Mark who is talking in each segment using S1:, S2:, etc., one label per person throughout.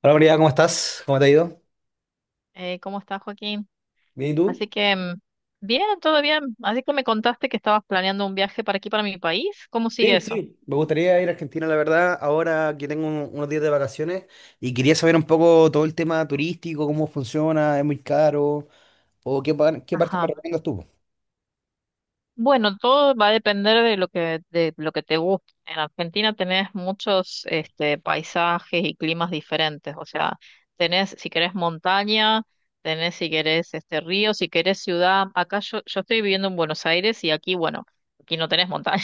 S1: Hola María, ¿cómo estás? ¿Cómo te ha ido?
S2: ¿Cómo estás, Joaquín?
S1: Bien, ¿y
S2: Así
S1: tú?
S2: que, mm, bien, todo bien. Así que me contaste que estabas planeando un viaje para aquí, para mi país. ¿Cómo sigue
S1: Sí,
S2: eso?
S1: sí, me gustaría ir a Argentina, la verdad, ahora que tengo unos días de vacaciones y quería saber un poco todo el tema turístico, cómo funciona, ¿es muy caro o qué, qué parte me
S2: Ajá.
S1: recomiendas tú?
S2: Bueno, todo va a depender de de lo que te guste. En Argentina tenés muchos, paisajes y climas diferentes. O sea, tenés, si querés, montaña, tenés, si querés, río, si querés, ciudad. Acá yo estoy viviendo en Buenos Aires y aquí, bueno, aquí no tenés montaña.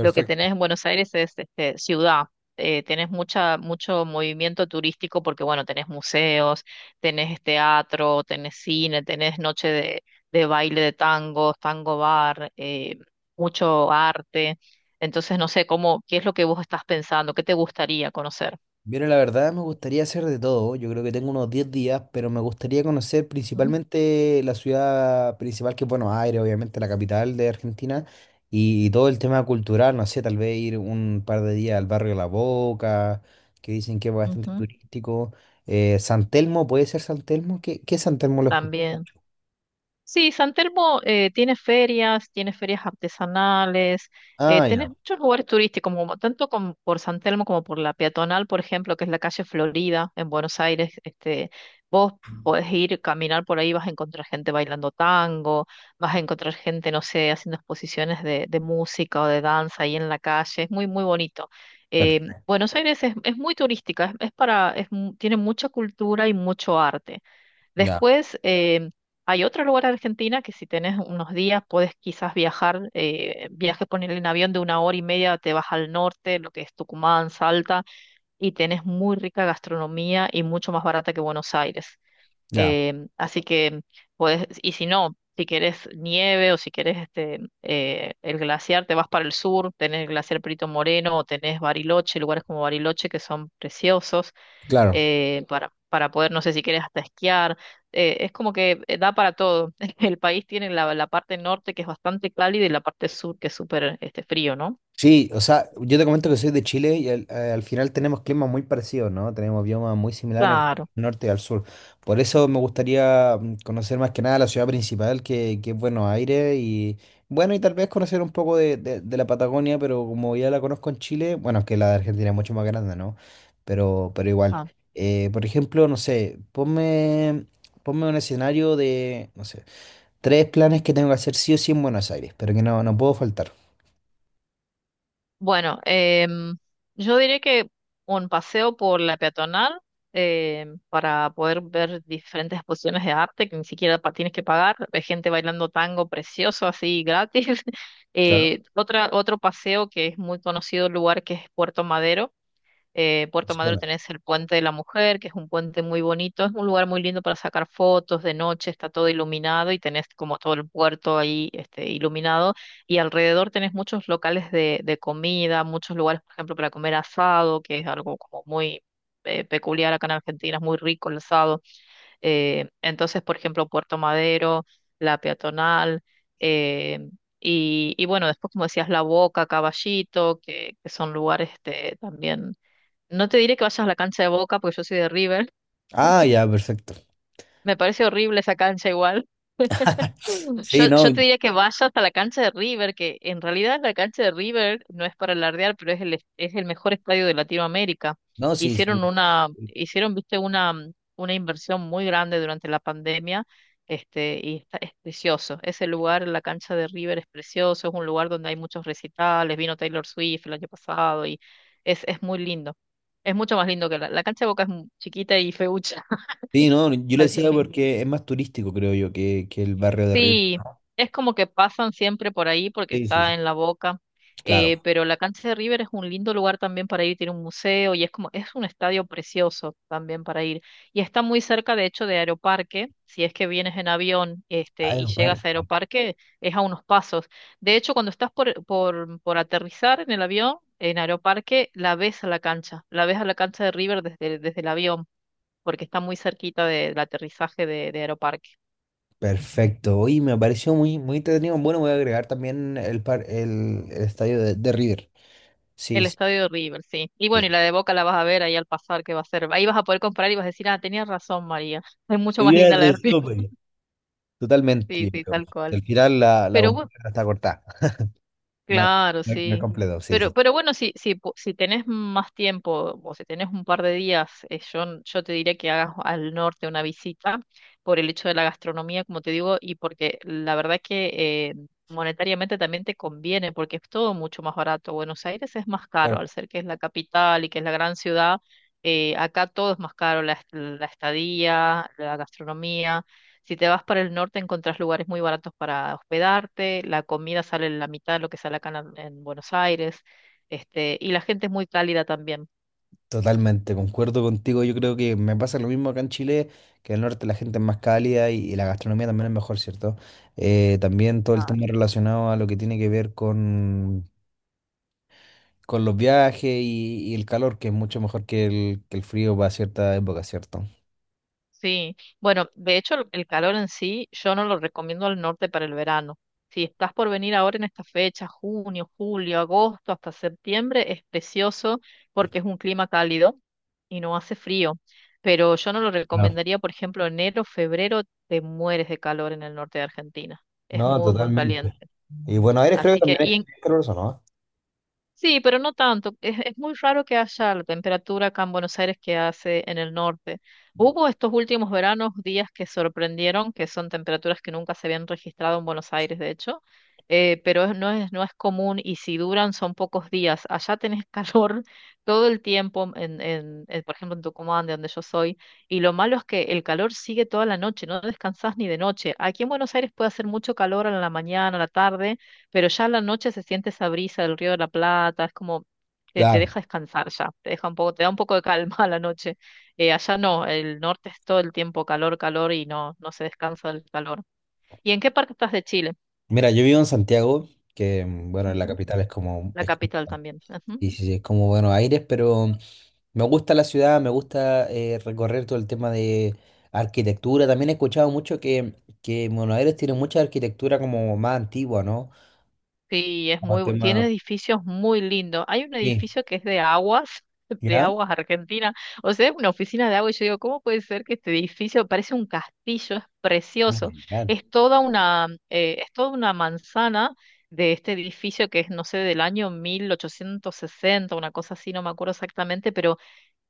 S2: Lo que tenés en Buenos Aires es ciudad. Tenés mucho movimiento turístico porque, bueno, tenés museos, tenés teatro, tenés cine, tenés noche de baile de tango, tango bar, mucho arte. Entonces, no sé, cómo, ¿qué es lo que vos estás pensando? ¿Qué te gustaría conocer?
S1: Mira, la verdad me gustaría hacer de todo. Yo creo que tengo unos 10 días, pero me gustaría conocer
S2: Ujú,
S1: principalmente la ciudad principal, que es Buenos Aires, obviamente la capital de Argentina, y todo el tema cultural, no sé, tal vez ir un par de días al barrio La Boca, que dicen que es bastante
S2: ujú,
S1: turístico. San Telmo, ¿puede ser San Telmo? ¿Qué es San Telmo, lo escuché?
S2: también. Sí, San Telmo tiene ferias artesanales,
S1: Ah,
S2: tenés
S1: ya,
S2: muchos lugares turísticos, como, tanto como por San Telmo como por la peatonal, por ejemplo, que es la calle Florida en Buenos Aires. Vos podés ir, caminar por ahí, vas a encontrar gente bailando tango, vas a encontrar gente, no sé, haciendo exposiciones de música o de danza ahí en la calle. Es muy, muy bonito.
S1: perfecto,
S2: Buenos Aires es muy turística, es para, es mu- tiene mucha cultura y mucho arte.
S1: ya,
S2: Después, hay otro lugar en Argentina que si tenés unos días puedes quizás viajar, viajes ponerle en avión de una hora y media, te vas al norte, lo que es Tucumán, Salta, y tenés muy rica gastronomía y mucho más barata que Buenos Aires.
S1: ya,
S2: Así que puedes, y si no, si quieres nieve o si quieres el glaciar, te vas para el sur, tenés el glaciar Perito Moreno o tenés Bariloche, lugares como Bariloche que son preciosos
S1: claro.
S2: para poder, no sé si quieres hasta esquiar. Es como que da para todo. El país tiene la parte norte que es bastante cálida y la parte sur que es súper frío, ¿no?
S1: Sí, o sea, yo te comento que soy de Chile y al final tenemos climas muy parecidos, ¿no? Tenemos biomas muy similares en cuanto
S2: Claro.
S1: al norte y al sur. Por eso me gustaría conocer más que nada la ciudad principal, que es Buenos Aires, y bueno, y tal vez conocer un poco de la Patagonia, pero como ya la conozco en Chile. Bueno, es que la de Argentina es mucho más grande, ¿no? Pero igual.
S2: Ah.
S1: Por ejemplo, no sé, ponme un escenario de, no sé, tres planes que tengo que hacer sí o sí en Buenos Aires, pero que no puedo faltar.
S2: Bueno, yo diría que un paseo por la peatonal para poder ver diferentes exposiciones de arte que ni siquiera pa- tienes que pagar, hay gente bailando tango precioso así gratis.
S1: Claro.
S2: Otro paseo que es muy conocido lugar que es Puerto Madero. Puerto
S1: Sí.
S2: Madero tenés el Puente de la Mujer, que es un puente muy bonito, es un lugar muy lindo para sacar fotos de noche, está todo iluminado y tenés como todo el puerto ahí iluminado y alrededor tenés muchos locales de comida, muchos lugares, por ejemplo, para comer asado, que es algo como muy peculiar acá en Argentina, es muy rico el asado. Entonces, por ejemplo, Puerto Madero, la peatonal. eh, y bueno, después como decías, La Boca, Caballito, que son lugares también no te diré que vayas a la cancha de Boca porque yo soy de River.
S1: Ah, ya, perfecto.
S2: Me parece horrible esa cancha igual.
S1: Sí, no,
S2: Yo te diría que vayas hasta la cancha de River, que en realidad la cancha de River no es para alardear, pero es el mejor estadio de Latinoamérica.
S1: no, sí, sí. Sí.
S2: Hicieron, viste, una inversión muy grande durante la pandemia, y está, es precioso. Ese lugar, la cancha de River es precioso, es un lugar donde hay muchos recitales, vino Taylor Swift el año pasado y es muy lindo. Es mucho más lindo que la cancha de Boca es mu- chiquita y feucha.
S1: Sí, no, yo lo
S2: Así
S1: decía
S2: que
S1: porque es más turístico, creo yo, que el barrio de Río.
S2: sí, es como que pasan siempre por ahí porque
S1: Sí, sí,
S2: está
S1: sí.
S2: en la boca,
S1: Claro.
S2: pero la cancha de River es un lindo lugar también para ir, tiene un museo y es como, es un estadio precioso también para ir. Y está muy cerca, de hecho, de Aeroparque, si es que vienes en avión,
S1: Ah, era
S2: y
S1: un
S2: llegas
S1: par.
S2: a Aeroparque, es a unos pasos. De hecho, cuando estás por aterrizar en el avión, en Aeroparque, la ves a la cancha, la ves a la cancha de River desde el avión, porque está muy cerquita de- del aterrizaje de Aeroparque.
S1: Perfecto. Oye, me pareció muy, muy entretenido. Bueno, voy a agregar también el estadio de River. Sí,
S2: El
S1: sí,
S2: estadio de River, sí. Y
S1: sí.
S2: bueno, y la de Boca la vas a ver ahí al pasar, que va a ser. Ahí vas a poder comprar y vas a decir, ah, tenías razón, María. Es mucho más
S1: Idea
S2: linda la de River.
S1: resumen. Totalmente,
S2: Sí,
S1: yo
S2: sí,
S1: creo.
S2: tal cual.
S1: Al final la
S2: Pero
S1: bombonera está cortada. No,
S2: claro,
S1: no, no es
S2: sí.
S1: completo, sí, sí.
S2: Pero bueno, po- si tenés más tiempo o si tenés un par de días, yo, n- yo te diría que hagas al norte una visita por el hecho de la gastronomía, como te digo, y porque la verdad es que monetariamente también te conviene, porque es todo mucho más barato. Buenos Aires es más caro, al ser que es la capital y que es la gran ciudad, acá todo es más caro, la, est- la estadía, la gastronomía. Si te vas para el norte, encontrás lugares muy baratos para hospedarte, la comida sale la mitad de lo que sale acá en Buenos Aires, y la gente es muy cálida también.
S1: Totalmente, concuerdo contigo. Yo creo que me pasa lo mismo acá en Chile, que en el norte la gente es más cálida y la gastronomía también es mejor, ¿cierto? También todo el
S2: Ah,
S1: tema relacionado a lo que tiene que ver con los viajes y el calor, que es mucho mejor que el frío para cierta época, ¿cierto?
S2: sí, bueno, de hecho el calor en sí yo no lo recomiendo al norte para el verano. Si estás por venir ahora en esta fecha, junio, julio, agosto, hasta septiembre, es precioso porque es un clima cálido y no hace frío. Pero yo no lo
S1: Claro.
S2: recomendaría, por ejemplo, enero, febrero, te mueres de calor en el norte de Argentina. Es
S1: No,
S2: muy, muy
S1: totalmente.
S2: caliente.
S1: Y Buenos Aires creo que
S2: Así que,
S1: también es
S2: y,
S1: es ¿no?
S2: Sí, pero no tanto. Es muy raro que haya la temperatura acá en Buenos Aires que hace en el norte. Hubo estos últimos veranos días que sorprendieron, que son temperaturas que nunca se habían registrado en Buenos Aires, de hecho, pero es- no es, no es común y si duran son pocos días. Allá tenés calor todo el tiempo, en, por ejemplo en Tucumán, de donde yo soy, y lo malo es que el calor sigue toda la noche, no descansás ni de noche. Aquí en Buenos Aires puede hacer mucho calor a la mañana, a la tarde pero ya a la noche se siente esa brisa del Río de la Plata, es como te
S1: Claro.
S2: deja descansar ya, te deja un poco, te da un poco de calma a la noche. Allá no, el norte es todo el tiempo calor, calor y no, no se descansa del calor. ¿Y en qué parte estás de Chile?
S1: Mira, yo vivo en Santiago, que bueno, en la
S2: Ujú.
S1: capital es como,
S2: La
S1: es, como-
S2: capital también.
S1: Y sí, sí, es como Buenos Aires, pero. Me gusta la ciudad, me gusta recorrer todo el tema de arquitectura. También he escuchado mucho que Buenos Aires tiene mucha arquitectura como más antigua, ¿no?
S2: Sí, es
S1: Como
S2: muy, bu- tiene
S1: tema.
S2: edificios muy lindos. Hay un
S1: Sí,
S2: edificio que es de aguas, de
S1: ¿ya?
S2: aguas Argentina. O sea, es una oficina de agua y yo digo, ¿cómo puede ser que este edificio parece un castillo? Es
S1: Oh
S2: precioso.
S1: my God.
S2: Es toda una manzana de este edificio que es, no sé, del año 1860, una cosa así, no me acuerdo exactamente, pero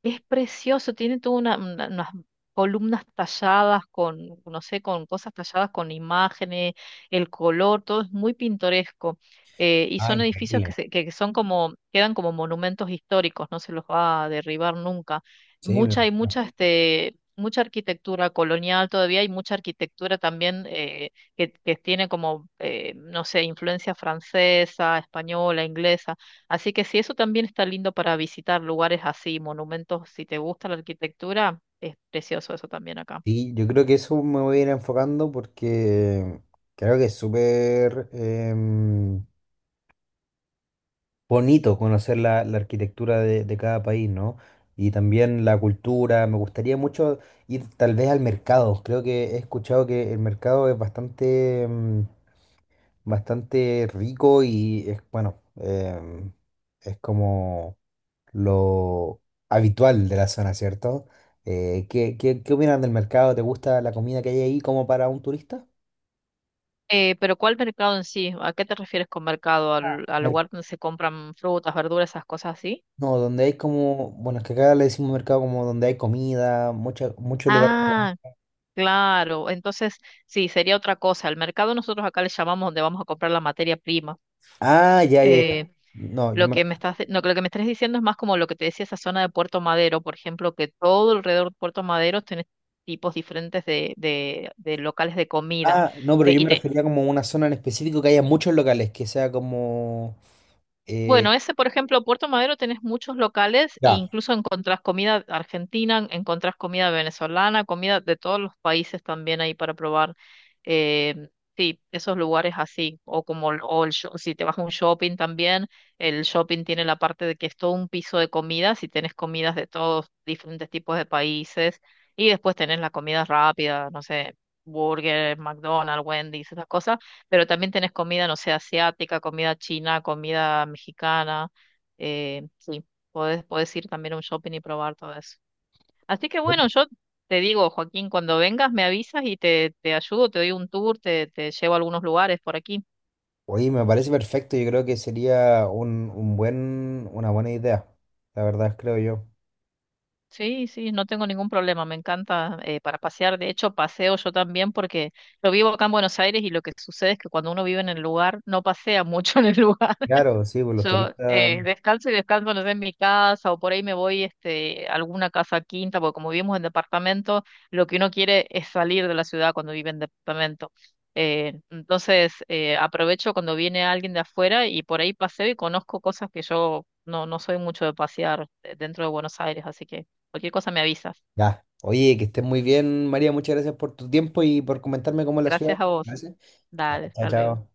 S2: es precioso, tiene toda una- unas columnas talladas con, no sé, con cosas talladas con imágenes, el color, todo es muy pintoresco. Y
S1: Ah,
S2: son edificios que,
S1: increíble.
S2: se- que son como, quedan como monumentos históricos, no se los va a derribar nunca.
S1: Sí, me
S2: Hay
S1: imagino.
S2: mucha, mucha arquitectura colonial todavía, hay mucha arquitectura también que tiene como, no sé, influencia francesa, española, inglesa. Así que sí, eso también está lindo para visitar lugares así, monumentos, si te gusta la arquitectura, es precioso eso también acá.
S1: Sí, yo creo que eso me voy a ir enfocando porque creo que es súper... em, bonito conocer la arquitectura de cada país, ¿no? Y también la cultura. Me gustaría mucho ir tal vez al mercado. Creo que he escuchado que el mercado es bastante rico y es, bueno, es como lo habitual de la zona, ¿cierto? ¿Qué opinas del mercado? ¿Te gusta la comida que hay ahí como para un turista?
S2: Pero ¿cuál mercado en sí? ¿A qué te refieres con mercado?
S1: Ah,
S2: Al lugar donde se compran frutas, verduras, esas cosas así?
S1: No, donde hay como, bueno, es que acá le decimos mercado como donde hay comida, muchos lugares.
S2: Ah, claro. Entonces, sí, sería otra cosa. El mercado nosotros acá le llamamos donde vamos a comprar la materia prima.
S1: Ah, ya, ya, ya.
S2: Eh,
S1: No, yo
S2: Lo
S1: me.
S2: que me estás, lo que me estás diciendo es más como lo que te decía esa zona de Puerto Madero, por ejemplo, que todo alrededor de Puerto Madero tiene tipos diferentes de locales de comida.
S1: Ah, no, pero
S2: Te-
S1: yo
S2: y
S1: me
S2: te,
S1: refería como a una zona en específico que haya muchos locales, que sea como.
S2: Bueno,
S1: eh,
S2: ese, por ejemplo, Puerto Madero tenés muchos locales e
S1: ya.
S2: incluso encontrás comida argentina, encontrás comida venezolana, comida de todos los países también ahí para probar. Eh, sí, esos lugares así, o como el- o el sho- si te vas a un shopping también, el shopping tiene la parte de que es todo un piso de comidas y tenés comidas de todos diferentes tipos de países y después tenés la comida rápida, no sé, burger, McDonald's, Wendy's, esas cosas pero también tenés comida, no sé, asiática, comida china, comida mexicana. Sí, podés, podés ir también a un shopping y probar todo eso. Así que bueno, yo te digo, Joaquín, cuando vengas me avisas y te ayudo, te doy un tour, te llevo a algunos lugares por aquí.
S1: Oye, me parece perfecto. Yo creo que sería un, una buena idea. La verdad, creo yo.
S2: Sí, sí, no tengo ningún problema, me encanta para pasear. De hecho, paseo yo también porque yo vivo acá en Buenos Aires y lo que sucede es que cuando uno vive en el lugar, no pasea mucho en el lugar.
S1: Claro, sí, pues los
S2: Yo
S1: turistas.
S2: descalzo y descanso, no sé, en mi casa o por ahí me voy a alguna casa quinta, porque como vivimos en departamento, lo que uno quiere es salir de la ciudad cuando vive en departamento. Aprovecho cuando viene alguien de afuera y por ahí paseo y conozco cosas que yo no soy mucho de pasear dentro de Buenos Aires, así que cualquier cosa me avisas.
S1: Ya. Oye, que estés muy bien, María. Muchas gracias por tu tiempo y por comentarme cómo es la ciudad.
S2: Gracias a vos.
S1: Gracias. Ya,
S2: Dale,
S1: chao,
S2: hasta luego.
S1: chao.